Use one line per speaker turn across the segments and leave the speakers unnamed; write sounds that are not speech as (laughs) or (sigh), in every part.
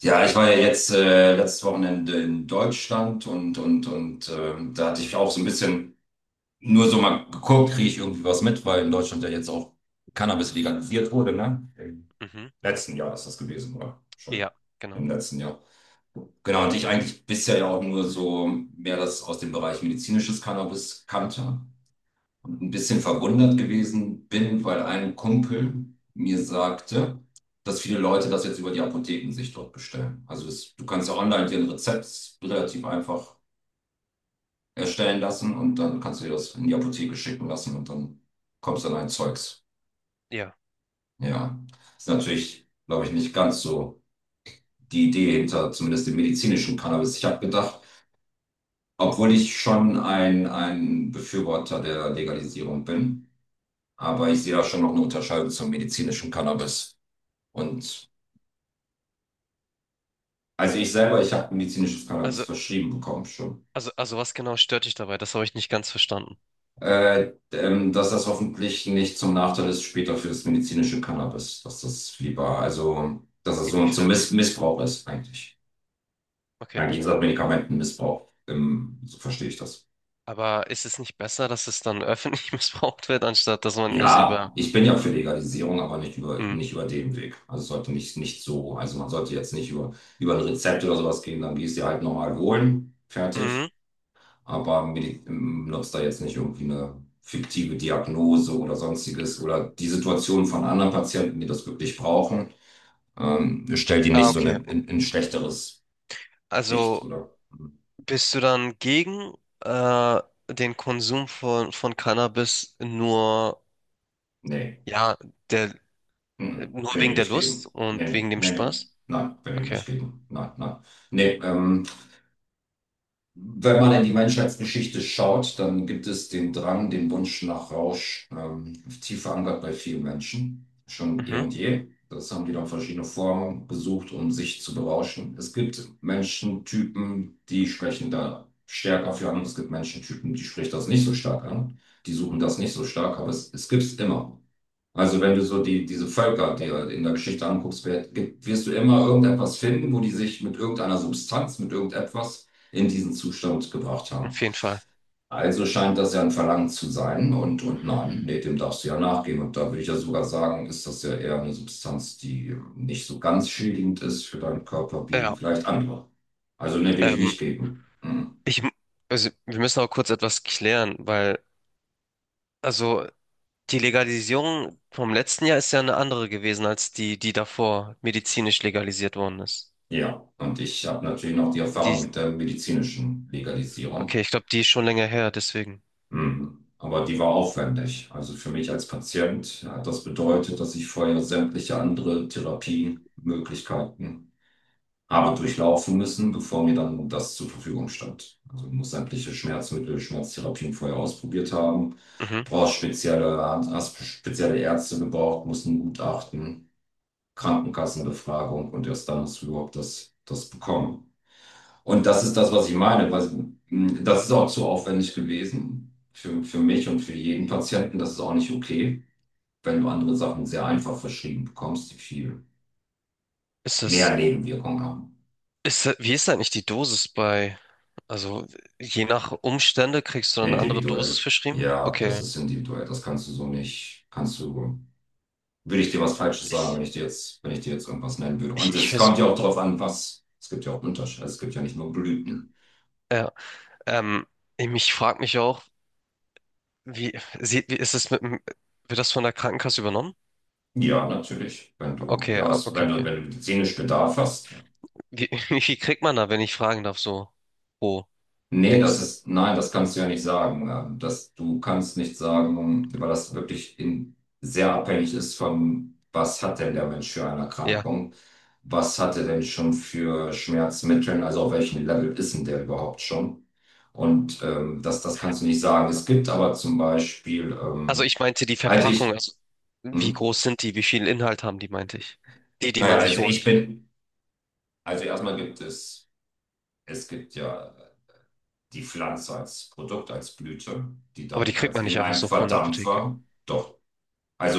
Ja, ich war ja jetzt letztes Wochenende in Deutschland und da hatte ich auch so ein bisschen nur so mal geguckt, kriege ich irgendwie was mit, weil in Deutschland ja jetzt auch Cannabis legalisiert wurde, ne? Im
Mhm.
letzten Jahr ist das gewesen, oder? Schon
Ja, genau.
im letzten Jahr. Genau, und ich eigentlich bisher ja auch nur so mehr das aus dem Bereich medizinisches Cannabis kannte und ein bisschen verwundert gewesen bin, weil ein Kumpel mir sagte, dass viele Leute das jetzt über die Apotheken sich dort bestellen. Also es, du kannst ja online dir ein Rezept relativ einfach erstellen lassen und dann kannst du dir das in die Apotheke schicken lassen und dann kommst dann ein Zeugs.
Ja.
Ja, ist natürlich, glaube ich, nicht ganz so die Idee hinter zumindest dem medizinischen Cannabis. Ich habe gedacht, obwohl ich schon ein Befürworter der Legalisierung bin, aber ich sehe da schon noch eine Unterscheidung zum medizinischen Cannabis. Und also ich selber, ich habe medizinisches Cannabis
Also,
verschrieben bekommen schon.
also, was genau stört dich dabei? Das habe ich nicht ganz verstanden.
Dass das hoffentlich nicht zum Nachteil ist später für das medizinische Cannabis, dass das lieber, also dass es so zum
Inwiefern?
Missbrauch ist eigentlich.
Okay.
Eigentlich ist das Medikamentenmissbrauch, so verstehe ich das.
Aber ist es nicht besser, dass es dann öffentlich (laughs) missbraucht wird, anstatt dass man das über...
Ja, ich bin ja für Legalisierung, aber
Mhm.
nicht über den Weg. Also es sollte nicht so, also man sollte jetzt nicht über, über ein Rezept oder sowas gehen, dann gehst du dir halt normal holen, fertig.
Mhm.
Aber Medi- nutzt da jetzt nicht irgendwie eine fiktive Diagnose oder sonstiges oder die Situation von anderen Patienten, die das wirklich brauchen, stellt die
Ah,
nicht so eine,
okay.
in ein schlechteres Licht
Also
oder.
bist du dann gegen äh, den Konsum von Cannabis nur,
Nee,
ja, der, nur
bin
wegen
ich
der
nicht
Lust
gegen. Nee,
und
nee,
wegen dem
nee, nee.
Spaß?
Nein, bin ich
Okay.
nicht gegen. Nein, nein. Nee, wenn man in die Menschheitsgeschichte schaut, dann gibt es den Drang, den Wunsch nach Rausch, tief verankert bei vielen Menschen, schon eh
Mhm.
und je. Das haben die dann verschiedene Formen gesucht, um sich zu berauschen. Es gibt Menschentypen, die sprechen da stärker für an. Es gibt Menschentypen, die sprechen das nicht so stark an. Die suchen das nicht so stark, aber es gibt es immer. Also wenn du so diese Völker dir in der Geschichte anguckst, wer- gibt- wirst du immer irgendetwas finden, wo die sich mit irgendeiner Substanz, mit irgendetwas in diesen Zustand gebracht haben.
Auf jeden Fall.
Also scheint das ja ein Verlangen zu sein und nein, nee, dem darfst du ja nachgehen. Und da würde ich ja sogar sagen, ist das ja eher eine Substanz, die nicht so ganz schädigend ist für deinen Körper wie
Ja.
vielleicht andere. Also nee, will ich
Ähm,
nicht geben. Hm.
ich, m- also wir müssen auch kurz etwas klären, weil. Also, die Legalisierung vom letzten Jahr ist ja eine andere gewesen als die, die davor medizinisch legalisiert worden ist.
Ja, und ich habe natürlich noch die Erfahrung
Die,
mit der medizinischen Legalisierung.
okay, ich glaube, die ist schon länger her, deswegen.
Mhm. Aber die war aufwendig. Also für mich als Patient hat das bedeutet, dass ich vorher sämtliche andere Therapiemöglichkeiten habe durchlaufen müssen, bevor mir dann das zur Verfügung stand. Also ich muss sämtliche Schmerzmittel, Schmerztherapien vorher ausprobiert haben,
Mhm.
brauchst spezielle, hast spezielle Ärzte gebraucht, musst ein Gutachten, Krankenkassenbefragung und erst dann hast du überhaupt das bekommen. Und das ist das, was ich meine. Weil, das ist auch zu aufwendig gewesen für mich und für jeden Patienten. Das ist auch nicht okay, wenn du andere Sachen sehr einfach verschrieben bekommst, die viel
Ist
mehr
das,
Nebenwirkungen haben.
ist das, wie ist eigentlich die Dosis bei, also je nach Umstände kriegst du dann eine andere Dosis
Individuell.
verschrieben?
Ja, das
Okay.
ist individuell. Das kannst du so nicht, kannst du, würde ich dir was Falsches sagen,
Ich,
wenn ich dir jetzt irgendwas nennen würde. Und
ich
es
weiß,
kommt ja auch darauf an, was, es gibt ja auch Unterschiede. Also es gibt ja nicht nur Blüten.
ja, ähm, ich frage mich auch, wie, wie ist es mit, dem-, wird das von der Krankenkasse übernommen?
Ja, natürlich. Wenn du,
Okay,
ja,
ah,
es-
okay,
wenn
okay.
wenn du medizinisch Bedarf hast, ja.
Wie, (laughs) wie viel kriegt man da, wenn ich fragen darf, so pro?
Nee, das
Dings.
ist, nein, das kannst du ja nicht sagen. Das, du kannst nicht sagen, weil das wirklich in, sehr abhängig ist von, was hat denn der Mensch für eine
Ja.
Erkrankung? Was hatte denn schon für Schmerzmittel? Also auf welchem Level ist denn der überhaupt schon? Und das kannst du nicht sagen. Es gibt aber zum Beispiel,
Also ich meinte die
also
Verpackung,
ich,
also wie
hm,
groß sind die, wie viel Inhalt haben die, meinte ich. Die, die man sich
also ich
holt.
bin, also erstmal gibt es, es gibt ja die Pflanze als Produkt, als Blüte, die
Aber die
dann
kriegt
als
man
in
nicht einfach
einem
so von der Apotheke.
Verdampfer, doch,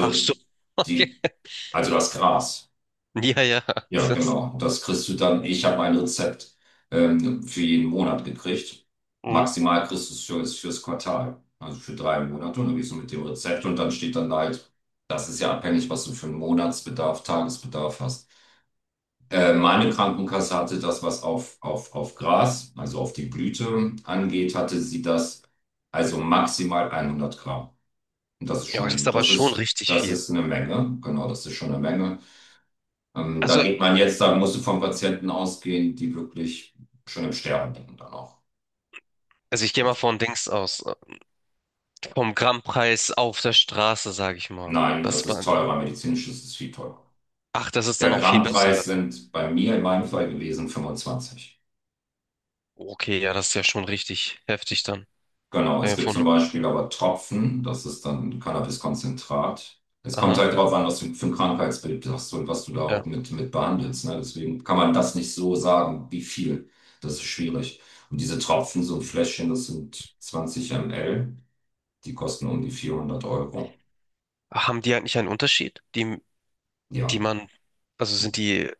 Ach so. (laughs) Okay.
die, also das Gras.
Ja, ja.
Ja,
Das,
genau. Das kriegst du dann, ich habe ein Rezept für jeden Monat gekriegt.
mhm,
Maximal kriegst du es für, ist fürs Quartal, also für drei Monate. Und dann gehst du mit dem Rezept und dann steht dann halt, das ist ja abhängig, was du für einen Monatsbedarf, Tagesbedarf hast. Meine Krankenkasse hatte das, was auf Gras, also auf die Blüte angeht, hatte sie das also maximal 100 Gramm. Und das ist
ja, aber das ist
schon,
aber schon richtig
das
viel.
ist eine Menge. Genau, das ist schon eine Menge. Da
Also,
geht man jetzt, da musst du von Patienten ausgehen, die wirklich schon im Sterben liegen dann auch.
also ich gehe mal
Gut.
von Dings aus. Vom Grammpreis auf der Straße, sage ich mal.
Nein, das
Das
ist
war.
teurer. Medizinisch ist es viel teurer.
Ach, das ist
Der
dann auch viel besser,
Grammpreis
oder wie?
sind bei mir in meinem Fall gewesen 25.
Okay, ja, das ist ja schon richtig heftig dann.
Genau,
Wenn
es
wir
gibt
von.
zum Beispiel aber Tropfen, das ist dann Cannabiskonzentrat. Es kommt
Aha.
halt darauf an, was du für ein Krankheitsbild hast und was du da auch
Ja.
mit behandelst. Ne? Deswegen kann man das nicht so sagen, wie viel. Das ist schwierig. Und diese Tropfen, so ein Fläschchen, das sind 20 ml, die kosten um die 400 Euro.
Haben die eigentlich einen Unterschied? Die, die
Ja,
man. Also sind die,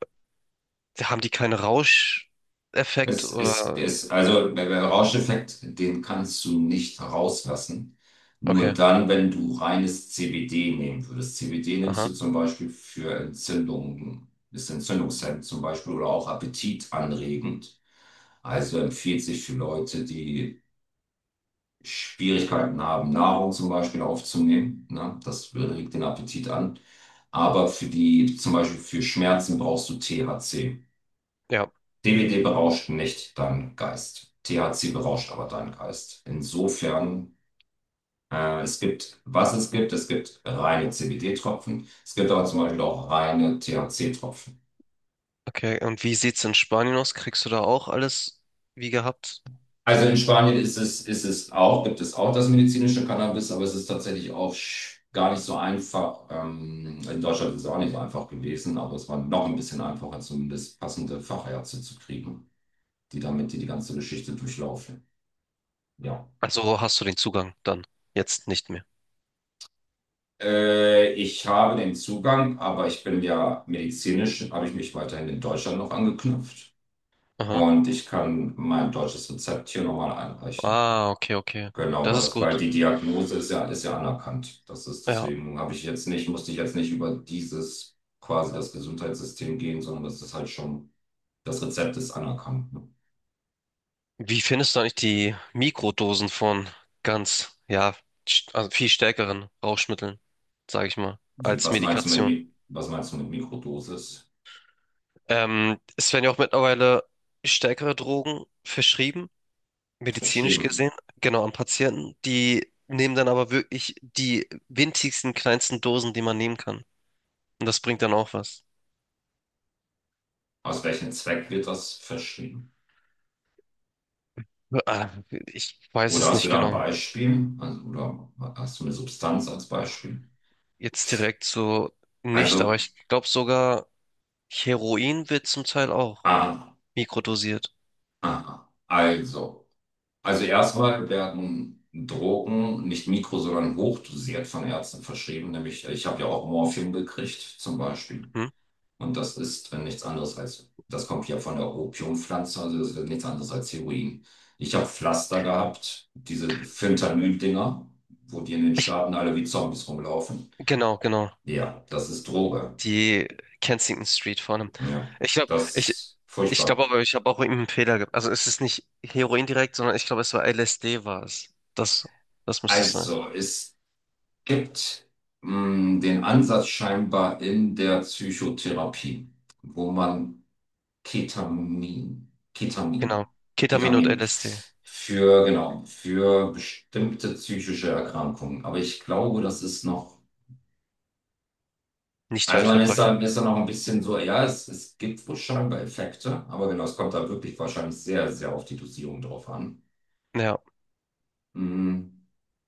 haben die keinen Rauscheffekt
es ist,
oder?
es, also der Rauscheffekt, den kannst du nicht rauslassen. Nur
Okay,
dann, wenn du reines CBD nehmen würdest. CBD nimmst du
aha,
zum Beispiel für Entzündungen, ist entzündungshemmend zum Beispiel oder auch appetitanregend. Also empfiehlt sich für Leute, die Schwierigkeiten haben, Nahrung zum Beispiel aufzunehmen. Ne? Das regt den Appetit an. Aber für die, zum Beispiel für Schmerzen brauchst du THC.
ja,
CBD berauscht nicht deinen Geist. THC berauscht aber deinen Geist. Insofern, es gibt reine CBD-Tropfen. Es gibt aber zum Beispiel auch reine THC-Tropfen.
okay. Und wie sieht's in Spanien aus? Kriegst du da auch alles wie gehabt?
Also in Spanien ist es auch, gibt es auch das medizinische Cannabis, aber es ist tatsächlich auch sch- gar nicht so einfach. In Deutschland ist es auch nicht so einfach gewesen, aber es war noch ein bisschen einfacher, zumindest passende Fachärzte zu kriegen, die damit die ganze Geschichte durchlaufen. Ja.
Also hast du den Zugang dann, jetzt nicht mehr.
Ich habe den Zugang, aber ich bin ja medizinisch, habe ich mich weiterhin in Deutschland noch angeknüpft.
Aha.
Und ich kann mein deutsches Rezept hier nochmal einreichen.
Ah, okay, okay.
Genau,
Das
weil
ist
das, weil
gut.
die Diagnose ist ja anerkannt. Das ist
Ja.
deswegen habe ich jetzt nicht, musste ich jetzt nicht über dieses quasi das Gesundheitssystem gehen, sondern das ist halt schon, das Rezept ist anerkannt. Ne?
Wie findest du eigentlich die Mikrodosen von ganz, ja, also viel stärkeren Rauschmitteln, sage ich mal, als
Was meinst du mit,
Medikation?
Mi- was meinst du mit Mikrodosis?
Es werden ja auch mittlerweile stärkere Drogen verschrieben, medizinisch gesehen,
Verschrieben.
genau, an Patienten. Die nehmen dann aber wirklich die winzigsten, kleinsten Dosen, die man nehmen kann. Und das bringt dann auch was.
Aus welchem Zweck wird das verschrieben?
Ah, ich weiß
Oder
es
hast du
nicht
da ein
genau.
Beispiel? Also, oder hast du eine Substanz als Beispiel?
Jetzt direkt so nicht, aber
Also,
ich glaube sogar Heroin wird zum Teil auch
ah,
mikrodosiert.
ah, ah. also. Also erstmal werden Drogen nicht mikro, sondern hochdosiert von Ärzten verschrieben. Nämlich, ich habe ja auch Morphium gekriegt, zum Beispiel.
Hm?
Und das ist nichts anderes als, das kommt ja von der Opiumpflanze, also das ist nichts anderes als Heroin. Ich habe Pflaster gehabt, diese Fentanyl-Dinger, wo die in den
Ich,
Staaten alle wie Zombies rumlaufen.
genau, genau.
Ja, das ist Droge.
Die Kensington Street vor allem.
Ja,
Ich glaube,
das
ich,
ist
ich glaube
furchtbar.
aber, ich habe auch irgendeinen Fehler gemacht. Also es ist nicht Heroin direkt, sondern ich glaube, es war LSD war es. Das, das müsste es sein.
Also, es gibt den Ansatz scheinbar in der Psychotherapie, wo man Ketamin,
Genau.
Ketamin,
Ketamin und
Ketamin
LSD.
für, genau, für bestimmte psychische Erkrankungen. Aber ich glaube, das ist noch,
Nicht
also
weit
man
verbreitet.
ist da noch ein bisschen so, ja, es gibt wohl scheinbar Effekte, aber genau, es kommt da wirklich wahrscheinlich sehr, sehr auf die Dosierung drauf an.
Ja.
Mm,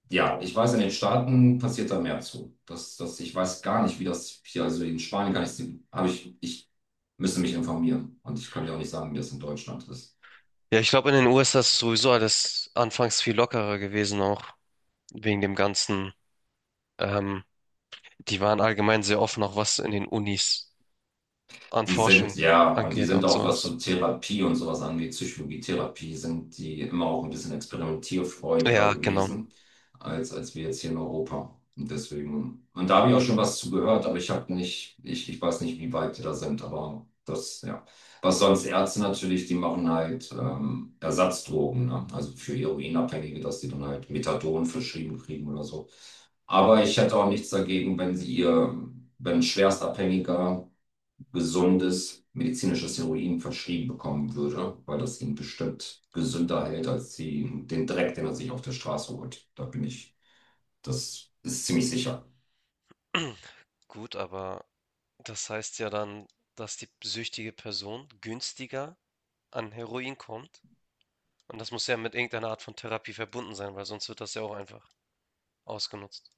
ja, ich weiß, in den Staaten passiert da mehr zu. Ich weiß gar nicht, wie das hier, also in Spanien kann ich, habe ich müsste mich informieren. Und ich kann dir auch nicht sagen, wie das in Deutschland ist.
Ja, ich glaube, in den USA ist sowieso alles anfangs viel lockerer gewesen, auch wegen dem Ganzen. Ähm, die waren allgemein sehr offen, auch was in den Unis an
Die sind,
Forschung
ja, und die
angeht
sind
und
auch, was so
sowas.
Therapie und sowas angeht, Psychologietherapie, sind die immer auch ein bisschen experimentierfreudiger
Ja, genau.
gewesen, als wir jetzt hier in Europa. Und deswegen, und da habe ich auch schon was zu gehört, aber ich habe nicht, ich weiß nicht, wie weit die da sind, aber das, ja. Was sonst Ärzte natürlich, die machen halt Ersatzdrogen, ne? Also für Heroinabhängige, dass die dann halt Methadon verschrieben kriegen oder so. Aber ich hätte auch nichts dagegen, wenn sie ihr, wenn ein Schwerstabhängiger gesundes medizinisches Heroin verschrieben bekommen würde, weil das ihn bestimmt gesünder hält als die, den Dreck, den er sich auf der Straße holt. Da bin ich, das ist ziemlich sicher.
(clears throat) Gut, aber das heißt ja dann, dass die süchtige Person günstiger an Heroin kommt. Und das muss ja mit irgendeiner Art von Therapie verbunden sein, weil sonst wird das ja auch einfach ausgenutzt.